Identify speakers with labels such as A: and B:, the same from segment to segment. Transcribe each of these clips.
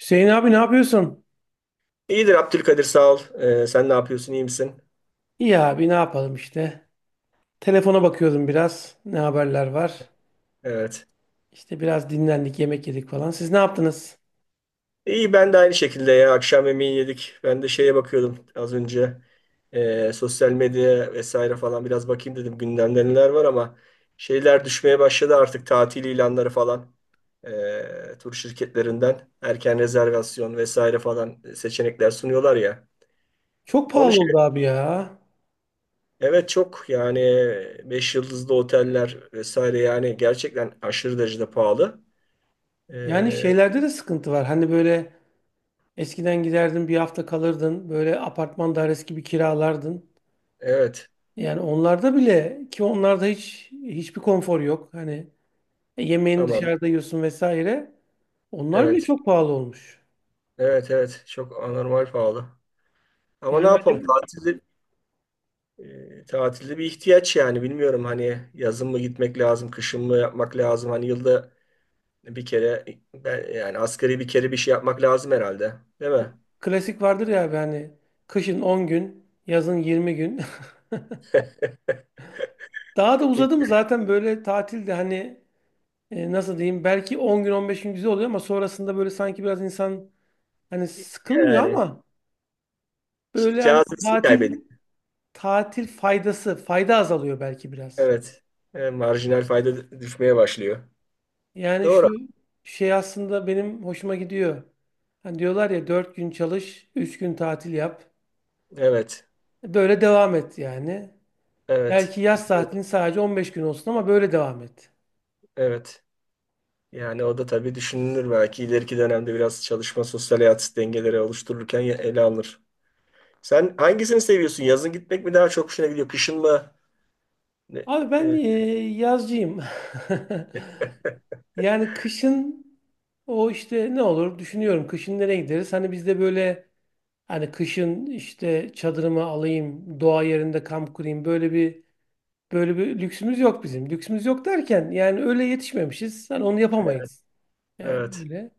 A: Hüseyin abi ne yapıyorsun?
B: İyidir Abdülkadir sağ ol. Sen ne yapıyorsun, iyi misin?
A: İyi abi ne yapalım işte. Telefona bakıyordum biraz. Ne haberler var?
B: Evet.
A: İşte biraz dinlendik, yemek yedik falan. Siz ne yaptınız?
B: İyi, ben de aynı şekilde ya, akşam yemeği yedik. Ben de şeye bakıyordum az önce. Sosyal medya vesaire falan biraz bakayım dedim. Gündemde neler var ama şeyler düşmeye başladı artık, tatil ilanları falan. Tur şirketlerinden erken rezervasyon vesaire falan seçenekler sunuyorlar ya.
A: Çok
B: Onu
A: pahalı
B: şey,
A: oldu abi ya.
B: evet çok yani, 5 yıldızlı oteller vesaire, yani gerçekten aşırı derecede pahalı.
A: Yani
B: Ee,
A: şeylerde de sıkıntı var. Hani böyle eskiden giderdin bir hafta kalırdın. Böyle apartman dairesi gibi kiralardın.
B: Evet.
A: Yani onlarda bile ki onlarda hiçbir konfor yok. Hani yemeğini
B: Tamam.
A: dışarıda yiyorsun vesaire. Onlar bile
B: Evet.
A: çok pahalı olmuş.
B: Evet, evet. Çok anormal pahalı. Ama ne
A: Yani acaba
B: yapalım? Tatilde bir ihtiyaç yani. Bilmiyorum hani yazın mı gitmek lazım, kışın mı yapmak lazım? Hani yılda bir kere, yani asgari bir kere bir şey yapmak lazım herhalde. Değil mi?
A: bu klasik vardır ya abi hani kışın 10 gün, yazın 20 gün. Daha da uzadı mı zaten böyle tatilde hani nasıl diyeyim, belki 10 gün 15 gün güzel oluyor ama sonrasında böyle sanki biraz insan hani sıkılmıyor
B: Yani
A: ama böyle hani
B: cazibesini
A: tatil
B: kaybediyor.
A: tatil faydası fayda azalıyor belki biraz.
B: Evet. Marjinal fayda düşmeye başlıyor.
A: Yani
B: Doğru.
A: şu şey aslında benim hoşuma gidiyor. Hani diyorlar ya 4 gün çalış, 3 gün tatil yap.
B: Evet.
A: Böyle devam et yani.
B: Evet.
A: Belki yaz tatilin sadece 15 gün olsun ama böyle devam et.
B: Evet. Yani o da tabii düşünülür, belki ileriki dönemde biraz çalışma sosyal hayat dengeleri oluştururken ele alınır. Sen hangisini seviyorsun? Yazın gitmek mi daha çok hoşuna gidiyor? Kışın mı? Ne-
A: Abi
B: e,
A: ben
B: e,
A: yazcıyım. Yani kışın o işte ne olur düşünüyorum. Kışın nereye gideriz? Hani bizde böyle hani kışın işte çadırımı alayım, doğa yerinde kamp kurayım. Böyle bir lüksümüz yok bizim. Lüksümüz yok derken yani öyle yetişmemişiz. Hani onu yapamayız. Yani
B: evet,
A: öyle.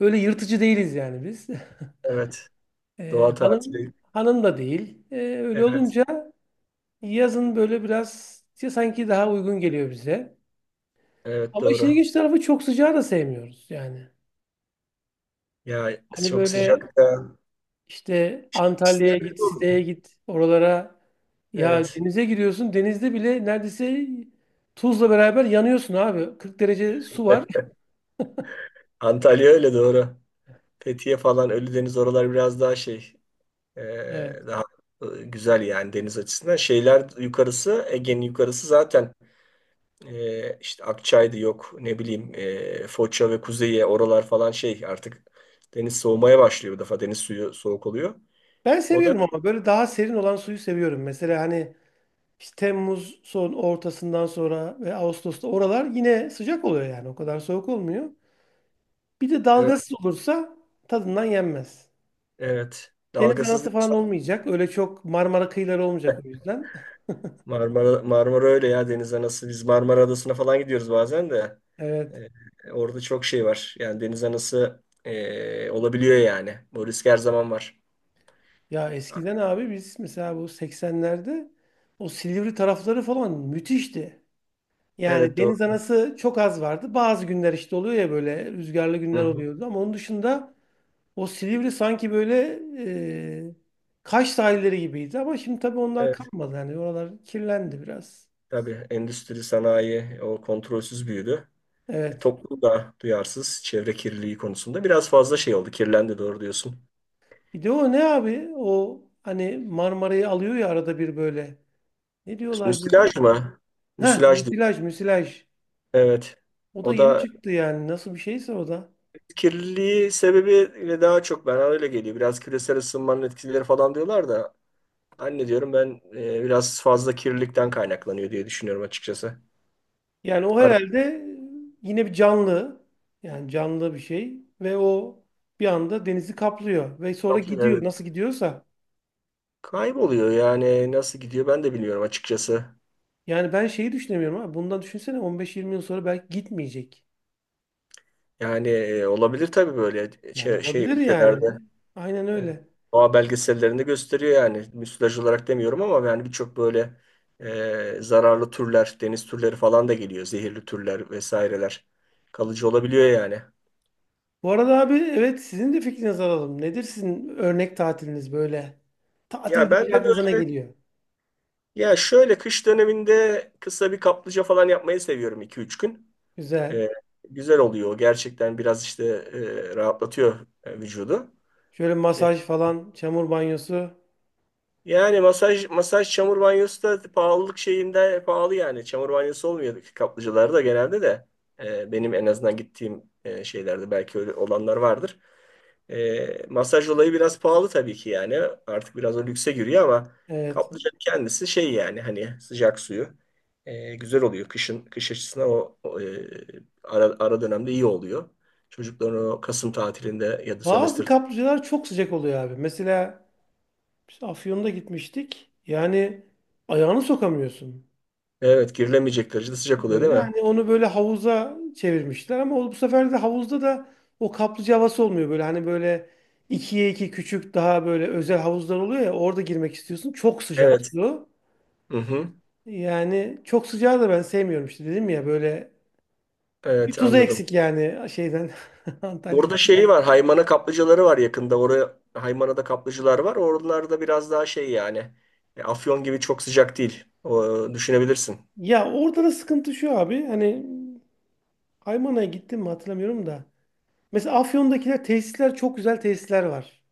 A: Öyle yırtıcı değiliz yani biz.
B: evet. Doğa
A: E,
B: tatili.
A: hanım da değil. E, öyle
B: Evet,
A: olunca yazın böyle biraz sanki daha uygun geliyor bize.
B: evet
A: Ama işin
B: doğru.
A: ilginç tarafı çok sıcağı da sevmiyoruz yani.
B: Ya
A: Hani
B: çok
A: böyle
B: sıcak da.
A: işte Antalya'ya git, Side'ye git, oralara ya
B: Evet.
A: denize giriyorsun. Denizde bile neredeyse tuzla beraber yanıyorsun abi. 40 derece su var.
B: Antalya öyle, doğru. Fethiye falan, Ölüdeniz, oralar biraz daha şey, e,
A: Evet.
B: daha güzel yani deniz açısından. Şeyler yukarısı, Ege'nin yukarısı zaten, işte Akçay'dı, yok ne bileyim, Foça ve Kuzey'e, oralar falan, şey artık deniz soğumaya başlıyor, bu defa deniz suyu soğuk oluyor.
A: Ben
B: O da
A: seviyorum ama böyle daha serin olan suyu seviyorum. Mesela hani işte Temmuz son ortasından sonra ve Ağustos'ta oralar yine sıcak oluyor yani. O kadar soğuk olmuyor. Bir de dalgasız
B: evet,
A: olursa tadından yenmez.
B: evet.
A: Deniz anası
B: Dalgasızlık.
A: falan olmayacak. Öyle çok Marmara kıyıları olmayacak o yüzden.
B: Marmara, Marmara öyle ya, deniz anası, biz Marmara Adası'na falan gidiyoruz bazen de.
A: Evet.
B: Orada çok şey var yani, deniz anası olabiliyor yani, bu risk her zaman var.
A: Ya eskiden abi biz mesela bu 80'lerde o Silivri tarafları falan müthişti. Yani
B: Evet doğru.
A: deniz anası çok az vardı. Bazı günler işte oluyor ya, böyle rüzgarlı
B: Hı
A: günler
B: hı.
A: oluyordu. Ama onun dışında o Silivri sanki böyle e, Kaş sahilleri gibiydi. Ama şimdi tabii onlar
B: Evet,
A: kalmadı. Yani oralar kirlendi biraz.
B: tabii endüstri sanayi o kontrolsüz büyüdü.
A: Evet.
B: Toplum da duyarsız çevre kirliliği konusunda, biraz fazla şey oldu. Kirlendi, doğru diyorsun.
A: Bir de o ne abi? O hani Marmara'yı alıyor ya arada bir böyle. Ne diyorlar böyle?
B: Müsilaj mı?
A: Heh,
B: Müsilaj değil.
A: müsilaj, müsilaj.
B: Evet.
A: O da
B: O
A: yeni
B: da
A: çıktı yani. Nasıl bir şeyse o da.
B: kirliliği sebebiyle daha çok, bana öyle geliyor. Biraz küresel ısınmanın etkileri falan diyorlar da, anne diyorum ben, biraz fazla kirlilikten kaynaklanıyor diye düşünüyorum açıkçası.
A: Yani o
B: Arı
A: herhalde yine bir canlı. Yani canlı bir şey. Ve o bir anda denizi kaplıyor. Ve sonra
B: kaplıyor,
A: gidiyor.
B: evet.
A: Nasıl gidiyorsa.
B: Kayboluyor yani, nasıl gidiyor ben de bilmiyorum açıkçası.
A: Yani ben şeyi düşünemiyorum abi. Bundan düşünsene 15-20 yıl sonra belki gitmeyecek.
B: Yani olabilir tabii, böyle
A: Yani
B: şey
A: olabilir
B: ülkelerde.
A: yani. Aynen
B: Evet.
A: öyle.
B: Doğa belgesellerinde gösteriyor yani. Müsilaj olarak demiyorum ama yani, birçok böyle zararlı türler, deniz türleri falan da geliyor. Zehirli türler vesaireler. Kalıcı olabiliyor yani.
A: Bu arada abi, evet, sizin de fikrinizi alalım. Nedir sizin örnek tatiliniz böyle? Tatil
B: Ya ben
A: deyince
B: de
A: aklınıza ne
B: böyle,
A: geliyor?
B: ya şöyle kış döneminde kısa bir kaplıca falan yapmayı seviyorum, iki üç gün.
A: Güzel.
B: E, Güzel oluyor. Gerçekten biraz işte rahatlatıyor vücudu.
A: Şöyle
B: E,
A: masaj falan, çamur banyosu.
B: Yani masaj, çamur banyosu da pahalılık şeyinde pahalı yani. Çamur banyosu olmuyor ki kaplıcalarda genelde de. Benim en azından gittiğim şeylerde, belki öyle olanlar vardır. Masaj olayı biraz pahalı tabii ki yani. Artık biraz o lükse giriyor ama
A: Evet.
B: kaplıcanın kendisi şey yani, hani sıcak suyu güzel oluyor. Kışın, kış açısından ara dönemde iyi oluyor. Çocukların o Kasım tatilinde ya da sömestr,
A: Bazı kaplıcalar çok sıcak oluyor abi. Mesela biz Afyon'da gitmiştik. Yani ayağını sokamıyorsun.
B: evet girilemeyecek derecede sıcak oluyor değil
A: Böyle
B: mi?
A: hani onu böyle havuza çevirmişler ama o- bu sefer de havuzda da o kaplıca havası olmuyor. Böyle hani böyle ikiye iki küçük daha böyle özel havuzlar oluyor ya, orada girmek istiyorsun. Çok sıcak
B: Evet.
A: su.
B: Hı hı.
A: Yani çok sıcağı da ben sevmiyorum, işte dedim ya, böyle bir
B: Evet,
A: tuzu
B: anladım.
A: eksik yani Antalya'dan.
B: Burada şeyi var. Haymana kaplıcaları var yakında. Oraya, Haymana'da kaplıcılar var. Oralarda biraz daha şey yani, Afyon gibi çok sıcak değil. O, düşünebilirsin.
A: Ya orada da sıkıntı şu abi, hani Aymana'ya gittim mi hatırlamıyorum da. Mesela Afyon'dakiler, tesisler, çok güzel tesisler var.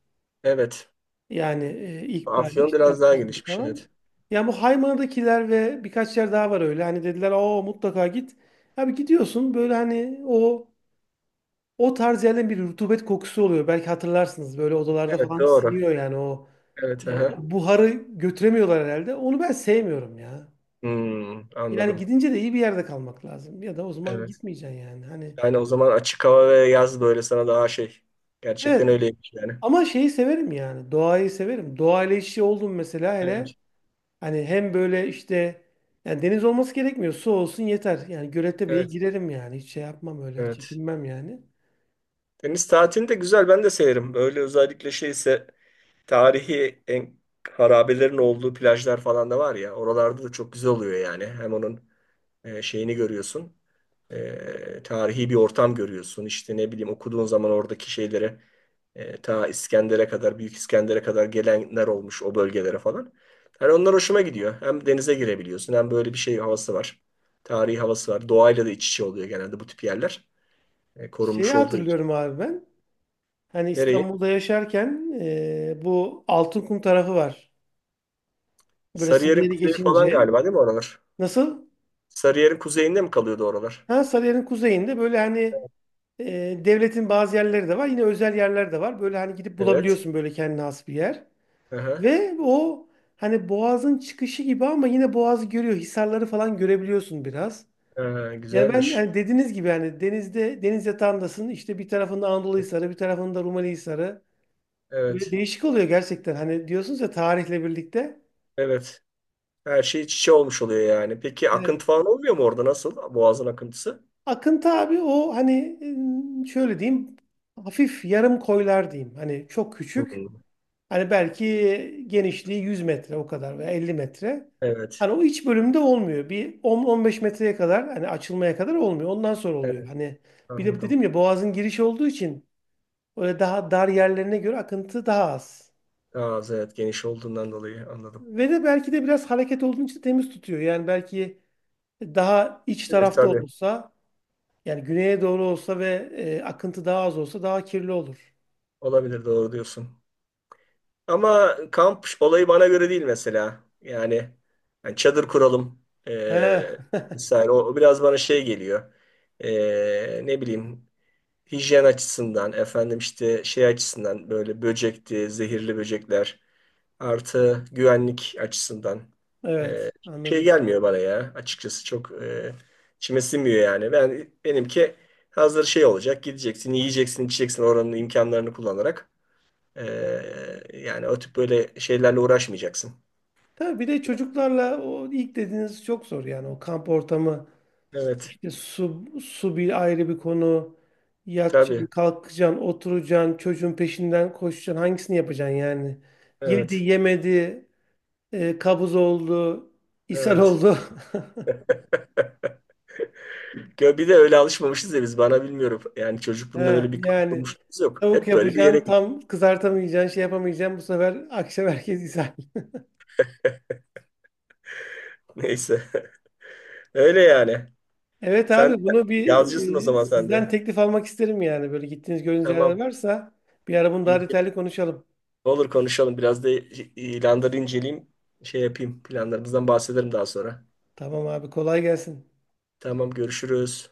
B: Evet.
A: Yani İkbal
B: Afyon
A: işte,
B: biraz daha
A: Öktem
B: gelişmiş.
A: falan.
B: Evet.
A: Yani bu Haymana'dakiler ve birkaç yer daha var öyle. Hani dediler o mutlaka git. Abi gidiyorsun böyle hani o tarz yerlerin bir rutubet kokusu oluyor. Belki hatırlarsınız böyle odalarda
B: Evet
A: falan
B: doğru.
A: siniyor yani
B: Evet.
A: o
B: Aha.
A: buharı götüremiyorlar herhalde. Onu ben sevmiyorum ya.
B: Hmm,
A: Yani
B: anladım.
A: gidince de iyi bir yerde kalmak lazım. Ya da o zaman
B: Evet.
A: gitmeyeceksin yani. Hani
B: Yani o zaman açık hava ve yaz böyle sana daha şey. Gerçekten
A: evet.
B: öyleymiş yani.
A: Ama şeyi severim yani. Doğayı severim. Doğayla iç içe oldum mesela, hele.
B: Evet.
A: Hani hem böyle işte yani deniz olması gerekmiyor. Su olsun yeter. Yani Göletepe'ye
B: Evet.
A: girerim yani. Hiç şey yapmam öyle.
B: Evet.
A: Çekinmem yani.
B: Deniz tatilini de güzel, ben de severim. Böyle özellikle şeyse, tarihi en harabelerin olduğu plajlar falan da var ya. Oralarda da çok güzel oluyor yani. Hem onun şeyini görüyorsun, tarihi bir ortam görüyorsun. İşte ne bileyim, okuduğun zaman oradaki şeylere, ta İskender'e kadar, Büyük İskender'e kadar gelenler olmuş o bölgelere falan. Hani onlar hoşuma gidiyor. Hem denize girebiliyorsun, hem böyle bir şey havası var. Tarihi havası var. Doğayla da iç içe oluyor genelde bu tip yerler.
A: Şeyi
B: Korunmuş olduğu için.
A: hatırlıyorum abi ben. Hani
B: Nereyi?
A: İstanbul'da yaşarken bu Altınkum tarafı var. Böyle
B: Sarıyer'in
A: Sarıyer'i
B: kuzeyi falan
A: geçince.
B: galiba değil mi oralar?
A: Nasıl?
B: Sarıyer'in kuzeyinde mi kalıyordu oralar?
A: Ha, Sarıyer'in kuzeyinde böyle hani devletin bazı yerleri de var. Yine özel yerler de var. Böyle hani gidip
B: Evet.
A: bulabiliyorsun böyle kendine has bir yer.
B: Aha.
A: Ve o hani boğazın çıkışı gibi ama yine boğazı görüyor. Hisarları falan görebiliyorsun biraz. Yani ben
B: Güzelmiş.
A: hani dediğiniz gibi hani denizde, deniz yatağındasın. İşte bir tarafında Anadolu Hisarı, bir tarafında Rumeli Hisarı. Böyle
B: Evet.
A: değişik oluyor gerçekten. Hani diyorsunuz ya, tarihle birlikte.
B: Evet. Her şey iç içe olmuş oluyor yani. Peki
A: Evet.
B: akıntı falan olmuyor mu orada? Nasıl? Boğazın akıntısı?
A: Akıntı abi, o hani şöyle diyeyim, hafif yarım koylar diyeyim. Hani çok küçük.
B: Hmm.
A: Hani belki genişliği 100 metre o kadar veya 50 metre.
B: Evet.
A: Hani o iç bölümde olmuyor. Bir 10-15 metreye kadar, hani açılmaya kadar olmuyor. Ondan sonra oluyor.
B: Evet.
A: Hani bir de
B: Anladım.
A: dedim ya, boğazın girişi olduğu için öyle daha dar yerlerine göre akıntı daha az.
B: Ağız evet, geniş olduğundan dolayı anladım.
A: Ve de belki de biraz hareket olduğu için temiz tutuyor. Yani belki daha iç
B: Olabilir
A: tarafta
B: tabii.
A: olursa, yani güneye doğru olsa ve akıntı daha az olsa daha kirli olur.
B: Olabilir, doğru diyorsun. Ama kamp olayı bana göre değil mesela. Yani, yani çadır kuralım,
A: He.
B: Ee, vesaire. O biraz bana şey geliyor. Ne bileyim, hijyen açısından, efendim işte şey açısından, böyle böcekti, zehirli böcekler, artı güvenlik açısından
A: Evet,
B: çok şey
A: anladım.
B: gelmiyor bana ya, açıkçası çok içime sinmiyor yani. Benimki hazır şey olacak, gideceksin yiyeceksin içeceksin oranın imkanlarını kullanarak. E, Yani o tip böyle şeylerle uğraşmayacaksın.
A: Tabii bir de çocuklarla o ilk dediğiniz çok zor yani, o kamp ortamı,
B: Evet
A: işte su bir ayrı bir konu. Yatacaksın,
B: tabii,
A: kalkacaksın, oturacaksın, çocuğun peşinden koşacaksın, hangisini yapacaksın yani? Yedi,
B: evet,
A: yemedi, kabız oldu, ishal
B: evet.
A: oldu.
B: Ya bir de öyle alışmamışız ya biz, bana bilmiyorum. Yani çocukluğumda
A: Ha,
B: öyle bir kamp
A: yani
B: kurmuşluğumuz yok,
A: tavuk
B: hep böyle bir yere
A: yapacaksın,
B: gittik.
A: tam kızartamayacaksın, şey yapamayacaksın, bu sefer akşam herkes ishal.
B: Neyse. Öyle yani.
A: Evet
B: Sen
A: abi, bunu bir
B: yazıcısın o zaman sen de.
A: sizden teklif almak isterim yani. Böyle gittiğiniz, gördüğünüz
B: Tamam.
A: yerler varsa bir ara bunu daha detaylı
B: İnceleyeyim.
A: konuşalım.
B: Olur, konuşalım. Biraz da ilanları inceleyeyim. Şey yapayım. Planlarımızdan bahsederim daha sonra.
A: Tamam abi, kolay gelsin.
B: Tamam, görüşürüz.